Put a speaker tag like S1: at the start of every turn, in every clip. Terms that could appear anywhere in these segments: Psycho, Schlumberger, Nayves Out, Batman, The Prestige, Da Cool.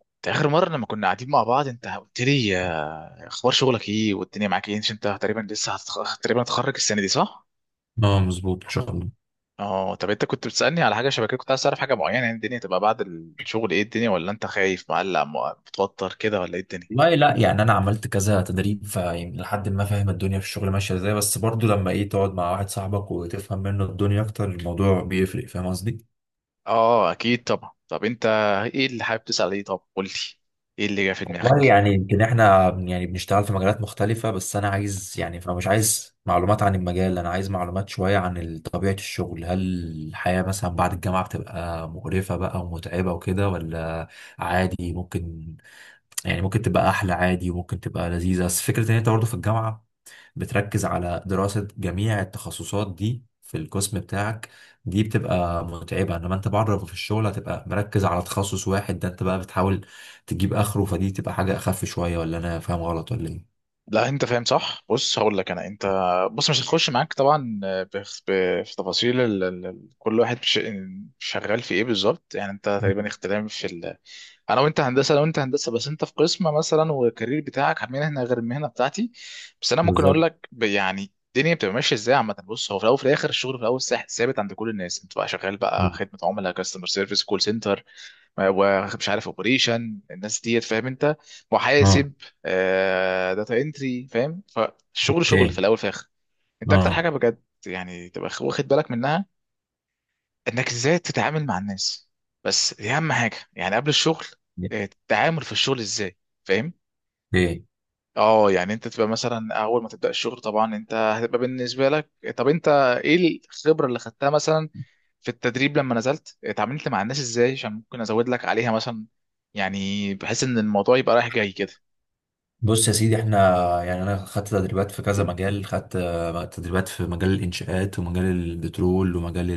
S1: انت اخر مره لما كنا قاعدين مع بعض انت قلت لي اخبار شغلك ايه والدنيا معاك ايه؟ عشان انت تقريبا تقريبا هتخرج السنه دي صح؟
S2: اه، مظبوط. ان شاء الله.
S1: اه، طب انت كنت بتسالني على حاجه شبكيه، كنت عايز تعرف حاجه معينه، يعني الدنيا تبقى بعد الشغل ايه الدنيا، ولا انت خايف مقلق متوتر كده ولا ايه الدنيا؟
S2: والله لا، يعني انا عملت كذا تدريب، فيعني لحد ما فاهم الدنيا في الشغل ماشيه ازاي، بس برضو لما تقعد مع واحد صاحبك وتفهم منه الدنيا اكتر، الموضوع بيفرق. فاهم قصدي؟
S1: اه اكيد طبعا. طب انت ايه اللي حابب تسال؟ ايه طب قول لي، ايه اللي جه في
S2: والله
S1: دماغك؟
S2: يعني يمكن احنا يعني بنشتغل في مجالات مختلفه، بس انا عايز، يعني فانا مش عايز معلومات عن المجال، انا عايز معلومات شويه عن طبيعه الشغل. هل الحياه مثلا بعد الجامعه بتبقى مقرفه بقى ومتعبه وكده، ولا عادي ممكن؟ يعني ممكن تبقى احلى عادي، وممكن تبقى لذيذه. بس فكره ان انت برضه في الجامعه بتركز على دراسة جميع التخصصات دي في القسم بتاعك، دي بتبقى متعبة. انما انت بره في الشغل هتبقى مركز على تخصص واحد، ده انت بقى بتحاول تجيب اخره، فدي تبقى حاجة اخف شوية. ولا انا فاهم غلط؟ ولا ايه؟
S1: لا انت فاهم صح، بص هقول لك. انت بص مش هتخش معاك طبعا في تفاصيل كل واحد شغال في ايه بالظبط، يعني انت تقريبا اختلاف في انا وانت هندسه، بس انت في قسم مثلا والكارير بتاعك مهنه غير المهنه بتاعتي. بس انا ممكن اقول
S2: بالظبط.
S1: لك يعني الدنيا بتبقى ماشيه ازاي عامه. بص هو في الاول وفي الاخر الشغل في الاول ثابت عند كل الناس، انت بقى شغال بقى خدمه عملاء، كاستمر سيرفيس، كول سنتر، ومش عارف اوبريشن، الناس ديت فاهم انت،
S2: اه،
S1: محاسب، آه داتا انتري، فاهم؟ فالشغل شغل في
S2: اوكي.
S1: الاول في الاخر. انت اكتر
S2: اه،
S1: حاجه بجد يعني تبقى واخد بالك منها انك ازاي تتعامل مع الناس. بس دي اهم حاجه يعني قبل الشغل، التعامل في الشغل ازاي، فاهم؟
S2: اوكي.
S1: اه يعني انت تبقى مثلا اول ما تبدا الشغل، طبعا انت هتبقى بالنسبه لك. طب انت ايه الخبره اللي خدتها مثلا في التدريب لما نزلت، اتعاملت مع الناس ازاي عشان ممكن ازود لك عليها مثلا، يعني بحيث ان الموضوع يبقى رايح جاي كده.
S2: بص يا سيدي، احنا يعني انا خدت تدريبات في كذا مجال، خدت تدريبات في مجال الانشاءات ومجال البترول ومجال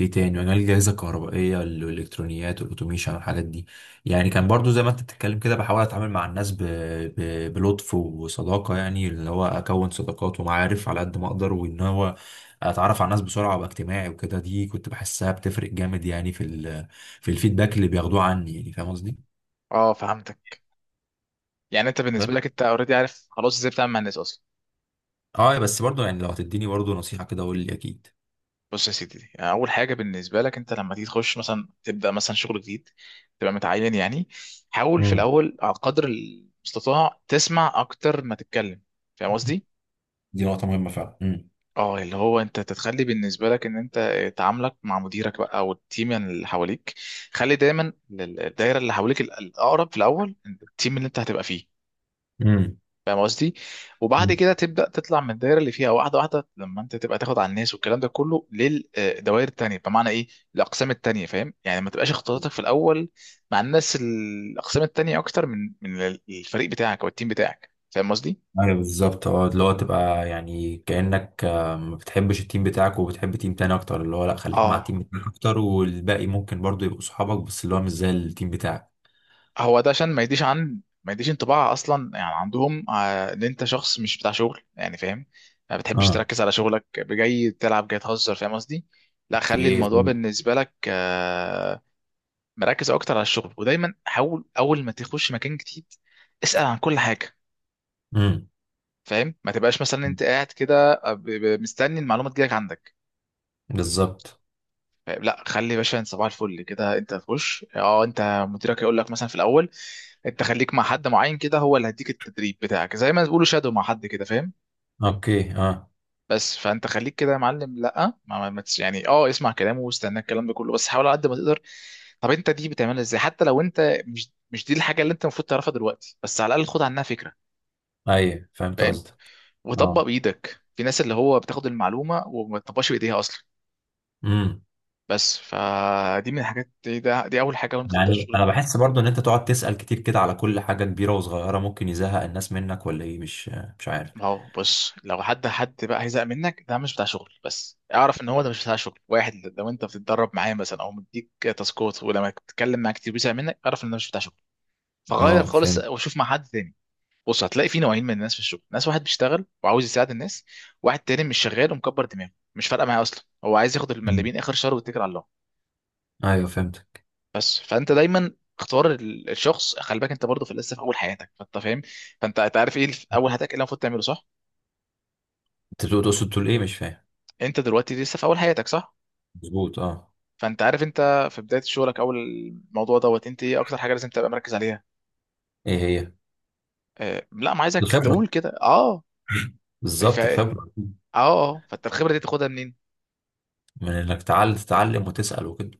S2: ايه تاني، مجال الجهازة الكهربائية والالكترونيات والاوتوميشن والحاجات دي. يعني كان برضو زي ما انت بتتكلم كده بحاول اتعامل مع الناس بلطف وصداقة، يعني اللي هو اكون صداقات ومعارف على قد ما اقدر، وان هو اتعرف على الناس بسرعة وابقى اجتماعي وكده. دي كنت بحسها بتفرق جامد يعني في الفيدباك اللي بياخدوه عني. يعني فاهم قصدي؟
S1: اه فهمتك، يعني انت
S2: بس
S1: بالنسبه لك انت اوريدي عارف خلاص ازاي بتعمل مع الناس اصلا.
S2: اه، بس برضو يعني لو هتديني برضو نصيحة كده، قول لي. اكيد.
S1: بص يا سيدي، يعني اول حاجه بالنسبه لك انت لما تيجي تخش مثلا تبدا مثلا شغل جديد، تبقى متعين يعني، حاول في
S2: امم.
S1: الاول على قدر المستطاع تسمع اكتر ما تتكلم، فاهم قصدي؟
S2: دي نقطة مهمة فعلا. امم.
S1: اه، اللي هو انت تتخلي بالنسبه لك ان انت تعاملك مع مديرك بقى او التيم اللي حواليك، خلي دايما الدايره اللي حواليك الاقرب في الاول، التيم اللي انت هتبقى فيه، فاهم قصدي؟ وبعد
S2: امم.
S1: كده تبدا تطلع من الدايره اللي فيها واحده واحده لما انت تبقى تاخد على الناس والكلام ده كله للدوائر التانيه، بمعنى ايه؟ الاقسام التانيه، فاهم؟ يعني ما تبقاش اختلاطاتك في الاول مع الناس الاقسام التانيه اكتر من الفريق بتاعك او التيم بتاعك، فاهم قصدي؟
S2: ايوه بالظبط. اه، اللي هو تبقى يعني كأنك ما بتحبش التيم بتاعك وبتحب تيم تاني اكتر. اللي هو لا، خليك مع
S1: اه،
S2: التيم بتاعك اكتر، والباقي ممكن برضو يبقوا صحابك بس اللي هو مش زي التيم بتاعك.
S1: هو ده عشان ما يديش انطباع اصلا يعني عندهم ان انت شخص مش بتاع شغل، يعني فاهم، ما بتحبش
S2: اه،
S1: تركز على شغلك، جاي تلعب، جاي تهزر، فاهم قصدي؟ لا خلي
S2: اوكي
S1: الموضوع
S2: فهمت.
S1: بالنسبه لك مركز اكتر على الشغل. ودايما حاول اول ما تخش مكان جديد اسال عن كل حاجه،
S2: امم.
S1: فاهم؟ ما تبقاش مثلا انت قاعد كده مستني المعلومه تجيلك عندك.
S2: بالظبط.
S1: لا خلي يا باشا، انت صباح الفل كده انت تخش، اه انت مديرك يقول لك مثلا في الاول انت خليك مع حد معين كده، هو اللي هيديك التدريب بتاعك، زي ما بيقولوا شادو مع حد كده، فاهم؟
S2: اوكي. اه.
S1: بس فانت خليك كده يا معلم، لا ما ما ما تس- يعني اه اسمع كلامه واستنى الكلام ده كله، بس حاول على قد ما تقدر. طب انت دي بتعملها ازاي حتى لو انت مش دي الحاجه اللي انت المفروض تعرفها دلوقتي، بس على الاقل خد عنها فكره،
S2: ايوه فهمت
S1: فاهم؟
S2: قصدك.
S1: وطبق
S2: اه.
S1: بايدك، في ناس اللي هو بتاخد المعلومه وما تطبقش بايديها اصلا.
S2: امم.
S1: بس فدي من الحاجات دي اول حاجه وانت تبدا
S2: يعني
S1: الشغل
S2: انا
S1: جديد.
S2: بحس برضو ان انت تقعد تسأل كتير كده على كل حاجة كبيرة وصغيرة، ممكن يزهق الناس منك ولا ايه؟ مش عارف.
S1: ما هو بص لو حد بقى هيزهق منك ده مش بتاع شغل، بس اعرف ان هو ده مش بتاع شغل. واحد لو انت بتتدرب معاه مثلا او مديك تاسكات، ولما بتتكلم معاه كتير بيزهق منك، اعرف ان ده مش بتاع شغل، فغير
S2: اه،
S1: خالص
S2: فهمت.
S1: وشوف مع حد تاني. بص هتلاقي في نوعين من الناس في الشغل، ناس واحد بيشتغل وعاوز يساعد الناس، واحد تاني مش شغال ومكبر دماغه مش فارقه معاه اصلا، هو عايز ياخد
S2: مم.
S1: المليمين اخر شهر ويتكل على الله.
S2: ايوه فهمتك.
S1: بس فانت دايما اختار الشخص. خلي بالك انت برضه في لسه في اول حياتك، فانت فاهم، فانت أنت عارف ايه في اول حياتك ايه اللي المفروض تعمله صح؟
S2: انت تقصد تقول ايه؟ مش فاهم.
S1: انت دلوقتي لسه في اول حياتك صح؟
S2: مظبوط. اه.
S1: فانت عارف انت في بدايه شغلك، اول الموضوع دوت انت ايه اكتر حاجه لازم تبقى مركز عليها؟
S2: ايه هي؟
S1: آه لا ما عايزك
S2: الخبرة.
S1: تقول كده. اه ف
S2: بالظبط
S1: اه
S2: الخبرة.
S1: اه فانت الخبره دي تاخدها منين؟
S2: من انك تعال تتعلم وتسأل وكده.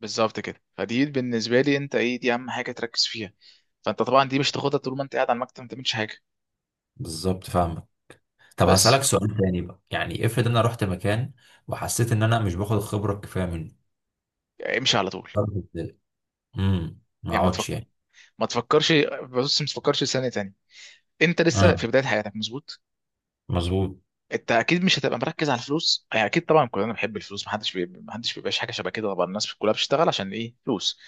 S1: بالظبط كده، فدي بالنسبه لي انت ايه، دي اهم حاجه تركز فيها. فانت طبعا دي مش تاخدها طول ما انت قاعد على المكتب ما تعملش حاجه،
S2: بالظبط فاهمك. طب
S1: بس
S2: هسألك سؤال تاني بقى، يعني افرض انا رحت مكان وحسيت ان انا مش باخد الخبرة الكفاية منه،
S1: امشي على طول.
S2: أرجع إزاي؟ امم، ما
S1: يعني ما تفكر
S2: اقعدش يعني؟
S1: ما تفكرش بص، ما تفكرش ثانيه تانية. انت
S2: اه،
S1: لسه في بدايه حياتك مظبوط،
S2: مظبوط.
S1: انت اكيد مش هتبقى مركز على الفلوس، يعني اكيد طبعا كلنا بنحب الفلوس، محدش بيبقاش حاجه شبه كده، طبعا الناس كلها بتشتغل عشان ايه؟ فلوس.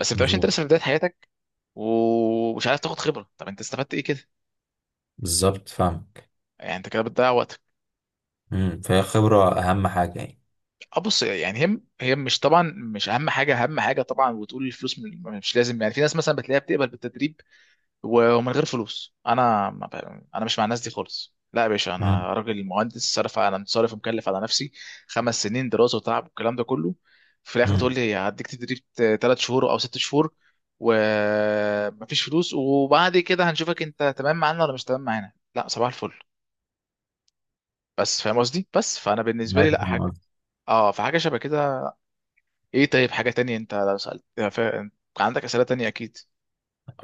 S1: بس ما بتبقاش، انت
S2: مظبوط.
S1: لسه في بدايه حياتك ومش عارف تاخد خبره، طب انت استفدت ايه كده؟
S2: بالظبط فاهمك.
S1: يعني انت كده بتضيع وقتك.
S2: امم. فهي خبرة اهم حاجة يعني.
S1: اه بص يعني هي مش طبعا مش اهم حاجه، اهم حاجه طبعا. وتقول الفلوس مش لازم، يعني في ناس مثلا بتلاقيها بتقبل بالتدريب ومن غير فلوس، انا ما ب- انا مش مع الناس دي خالص. لا يا باشا،
S2: امم.
S1: انا راجل مهندس صرف، انا صارف ومكلف على نفسي خمس سنين دراسه وتعب والكلام ده كله، في الاخر تقول لي هديك تدريب ثلاث شهور او ست شهور ومفيش فلوس، وبعد كده هنشوفك انت تمام معانا ولا مش تمام معانا؟ لا صباح الفل، بس فاهم قصدي. بس فانا بالنسبه لي لا، حاجه
S2: امم.
S1: اه فحاجه شبه كده. ايه طيب، حاجه تانية انت لو سالت عندك اسئله تانية اكيد.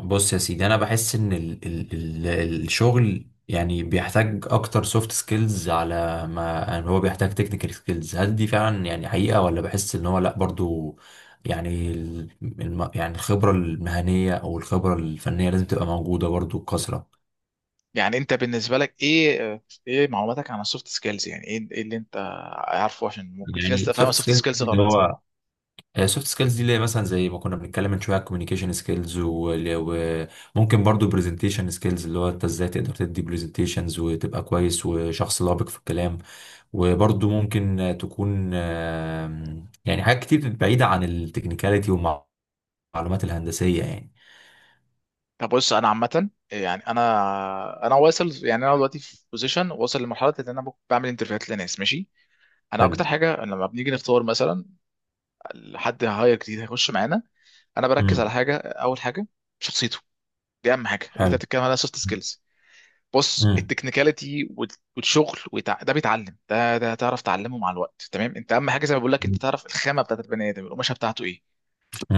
S2: بص يا سيدي، انا بحس ان ال ال ال الشغل يعني بيحتاج اكتر سوفت سكيلز على ما، يعني هو بيحتاج تكنيكال سكيلز، هل دي فعلا يعني حقيقة، ولا بحس ان هو لا برضو، يعني ال- الم يعني الخبرة المهنية او الخبرة الفنية لازم تبقى موجودة برضو بكثرة.
S1: يعني انت بالنسبه لك ايه، ايه معلوماتك عن السوفت سكيلز؟ يعني ايه، ايه اللي انت عارفه، عشان ممكن في ناس
S2: يعني
S1: تبقى فاهمه
S2: سوفت
S1: السوفت
S2: سكيلز،
S1: سكيلز
S2: اللي
S1: غلط.
S2: هو السوفت سكيلز دي اللي هي مثلا زي ما كنا بنتكلم من شويه، كوميونيكيشن سكيلز، وممكن برضو برزنتيشن سكيلز، اللي هو انت ازاي تقدر تدي برزنتيشنز وتبقى كويس وشخص لبق في الكلام. وبرضو ممكن تكون يعني حاجات كتير بعيدة عن التكنيكاليتي والمعلومات الهندسية يعني.
S1: طب بص انا عامه يعني انا واصل، يعني انا دلوقتي في بوزيشن واصل لمرحله ان انا بعمل انترفيوهات لناس، ماشي. انا
S2: حلو.
S1: اكتر حاجه لما بنيجي نختار مثلا حد هاير جديد هيخش معانا، انا بركز
S2: امم.
S1: على حاجه، اول حاجه شخصيته. دي اهم حاجه اللي انت
S2: حلو.
S1: بتتكلم عليها سوفت سكيلز. بص
S2: امم.
S1: التكنيكاليتي والشغل ده بيتعلم، ده تعرف تعلمه مع الوقت تمام. انت اهم حاجه زي ما بقول لك، انت تعرف الخامه بتاعت البني ادم، القماشه بتاعته ايه،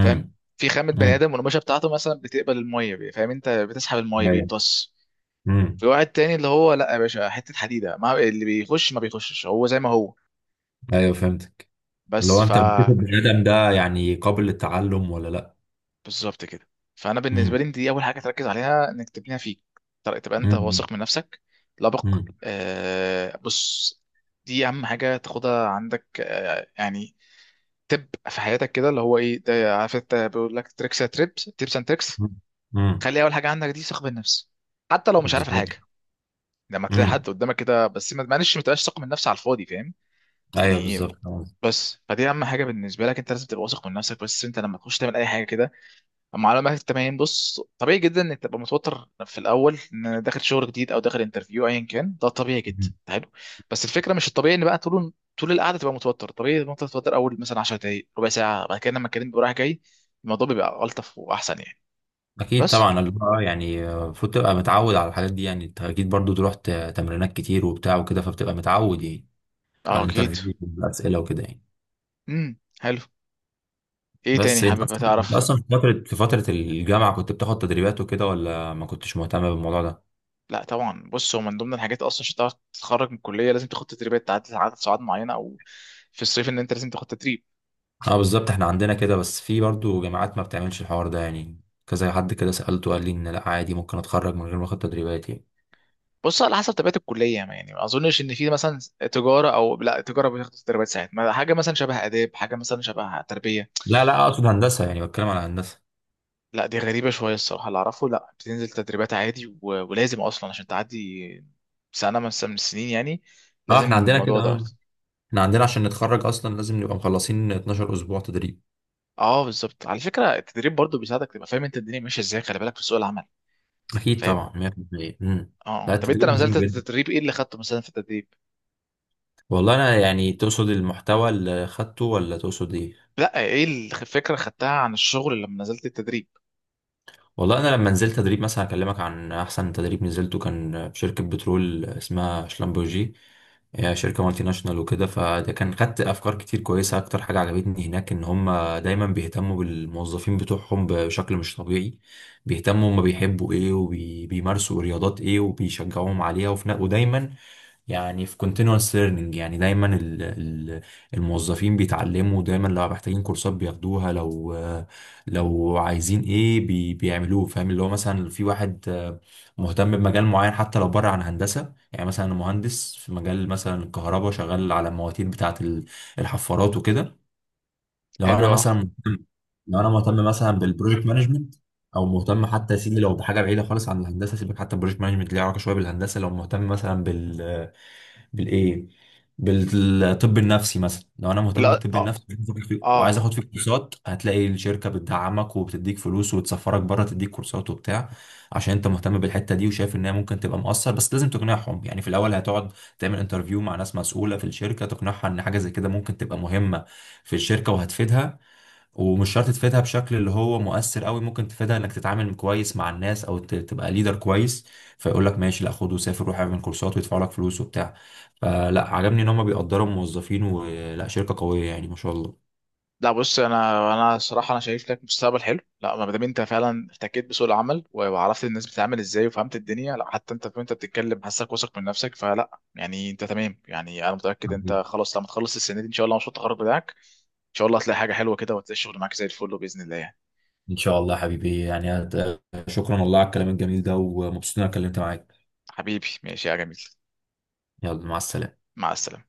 S1: فاهم؟ في خامه بني
S2: امم.
S1: ادم والقماشه بتاعته مثلا بتقبل الميه فاهم، انت بتسحب الميه
S2: ايوه.
S1: بيمتص.
S2: امم.
S1: في واحد تاني اللي هو لا يا باشا، حته حديده، ما اللي بيخش ما بيخشش، هو زي ما هو.
S2: ايوه فهمتك.
S1: بس
S2: لو انت بتشوف
S1: فا
S2: البني ادم ده يعني قابل للتعلم ولا لا؟
S1: بالظبط كده. فانا بالنسبه
S2: امم.
S1: لي دي اول حاجه تركز عليها انك تبنيها فيك، تبقى انت
S2: امم.
S1: واثق من نفسك، لبق
S2: امم.
S1: آه بص. دي اهم حاجه تاخدها عندك آه، يعني تبقى في حياتك كده اللي هو ايه ده، عارف انت بيقول لك تريكس، تيبس اند تريكس.
S2: امم.
S1: خلي اول حاجه عندك دي ثقه بالنفس، حتى لو مش عارف
S2: بالظبط.
S1: الحاجه لما تلاقي
S2: امم.
S1: حد قدامك كده، بس ما معلش ما تبقاش ثقه من نفسك على الفاضي، فاهم
S2: ايوه
S1: يعني؟
S2: بالظبط فاهم قصدي.
S1: بس فدي اهم حاجه بالنسبه لك، انت لازم تبقى واثق من نفسك بس انت لما تخش تعمل اي حاجه كده. معلومات التمارين، بص طبيعي جدا انك تبقى متوتر في الاول ان داخل شغل جديد او داخل انترفيو ايا كان، ده طبيعي جدا،
S2: مم.
S1: حلو. بس الفكره مش الطبيعي ان بقى طول القعده تبقى متوتر، طبيعي ان انت تتوتر اول مثلا 10 دقائق ربع ساعه، بعد كده لما الكلام بيبقى رايح جاي الموضوع بيبقى الطف واحسن يعني.
S2: اكيد
S1: بس
S2: طبعا، اللي هو يعني المفروض تبقى متعود على الحاجات دي، يعني انت اكيد برضو تروح تمرينات كتير وبتاع وكده، فبتبقى متعود يعني، على
S1: اه اكيد.
S2: الانترفيو والاسئله وكده يعني.
S1: حلو، ايه تاني
S2: بس انت
S1: حابب
S2: اصلا انت
S1: تعرف؟
S2: اصلا في فتره الجامعه كنت بتاخد تدريبات وكده، ولا ما كنتش مهتم بالموضوع ده؟
S1: لا طبعا بص، هو من ضمن الحاجات اصلا عشان تعرف تتخرج من الكليه لازم تاخد تدريبات عدد ساعات معينه، او في الصيف ان انت لازم تاخد تدريب.
S2: اه بالظبط، احنا عندنا كده، بس في برضو جامعات ما بتعملش الحوار ده يعني. كذا حد كده سالته قال لي ان لا، عادي ممكن اتخرج من غير ما اخد تدريبات يعني.
S1: بص على حسب طبيعه الكليه، يعني ما اظنش ان في مثلا تجاره، او لا تجاره بتاخد تدريبات ساعات ما، حاجه مثلا شبه اداب، حاجه مثلا شبه تربيه.
S2: لا لا، اقصد هندسه، يعني بتكلم على هندسه.
S1: لا دي غريبه شويه الصراحه، اللي اعرفه لا، بتنزل تدريبات عادي ولازم اصلا عشان تعدي سنه من السنين يعني،
S2: اه،
S1: لازم
S2: احنا عندنا
S1: الموضوع
S2: كده. اه.
S1: دوت.
S2: احنا عندنا عشان نتخرج اصلا لازم نبقى مخلصين 12 اسبوع تدريب.
S1: اه بالظبط، على فكره التدريب برضو بيساعدك تبقى فاهم انت الدنيا ماشيه ازاي، خلي بالك، في سوق العمل،
S2: اكيد
S1: فاهم؟
S2: طبعا 100%. امم. لا،
S1: اه طب انت
S2: التدريب
S1: لما
S2: مهم
S1: نزلت
S2: جدا.
S1: التدريب ايه اللي خدته مثلا في التدريب؟
S2: والله انا يعني، تقصد المحتوى اللي خدته ولا تقصد ايه؟
S1: لا ايه الفكره خدتها عن الشغل لما نزلت التدريب؟
S2: والله انا لما نزلت تدريب، مثلا اكلمك عن احسن تدريب نزلته، كان في شركه بترول اسمها شلمبورجي. هي شركه مالتي ناشونال وكده، فده كان خدت افكار كتير كويسه. اكتر حاجه عجبتني هناك ان هم دايما بيهتموا بالموظفين بتوعهم بشكل مش طبيعي. بيهتموا هم بيحبوا ايه وبيمارسوا رياضات ايه وبيشجعوهم عليها، وفي ودايما يعني في continuous learning، يعني دايما الموظفين بيتعلموا دايما. لو محتاجين كورسات بياخدوها، لو عايزين ايه بيعملوه، فاهم؟ اللي هو مثلا في واحد مهتم بمجال معين حتى لو بره عن هندسة. يعني مثلا أنا مهندس في مجال مثلا الكهرباء، شغال على المواتير بتاعة الحفارات وكده. لو
S1: حلو
S2: انا
S1: اه.
S2: مثلا مهتم لو انا مهتم مثلا بالبروجكت مانجمنت، او مهتم حتى يا سيدي لو بحاجه بعيده خالص عن الهندسه، سيبك، حتى البروجكت مانجمنت ليه علاقه شويه بالهندسه. لو مهتم مثلا بالايه بالطب النفسي مثلا، لو انا مهتم
S1: لا
S2: بالطب
S1: اه
S2: النفسي وعايز
S1: اه.
S2: آخد فيه كورسات، هتلاقي الشركه بتدعمك وبتديك فلوس وتسفرك بره تديك كورسات وبتاع، عشان انت مهتم بالحته دي وشايف ان هي ممكن تبقى مؤثر. بس لازم تقنعهم، يعني في الاول هتقعد تعمل انترفيو مع ناس مسؤوله في الشركه، تقنعها ان حاجه زي كده ممكن تبقى مهمه في الشركه وهتفيدها. ومش شرط تفيدها بشكل اللي هو مؤثر قوي، ممكن تفيدها انك تتعامل كويس مع الناس او تبقى ليدر كويس. فيقول لك ماشي، لا خد وسافر، روح اعمل كورسات ويدفعوا لك فلوس وبتاع. فلا، عجبني ان هم بيقدروا الموظفين، ولا شركة قوية يعني ما شاء الله.
S1: لا بص انا، صراحه انا شايف لك مستقبل حلو، لا ما دام انت فعلا احتكيت بسوق العمل وعرفت الناس بتتعامل ازاي وفهمت الدنيا، لا حتى انت وانت بتتكلم حاسك واثق من نفسك، فلا يعني انت تمام. يعني انا متاكد انت
S2: حبيبي.
S1: خلاص لما تخلص السنه دي ان شاء الله، مشروع التخرج بتاعك ان شاء الله هتلاقي حاجه حلوه كده، وهتلاقي الشغل معاك زي الفل باذن الله يعني.
S2: ان شاء الله حبيبي يعني شكرا والله على الكلام الجميل ده، ومبسوط ان انا اتكلمت معاك.
S1: حبيبي ماشي يا جميل،
S2: يلا، مع السلامة.
S1: مع السلامه.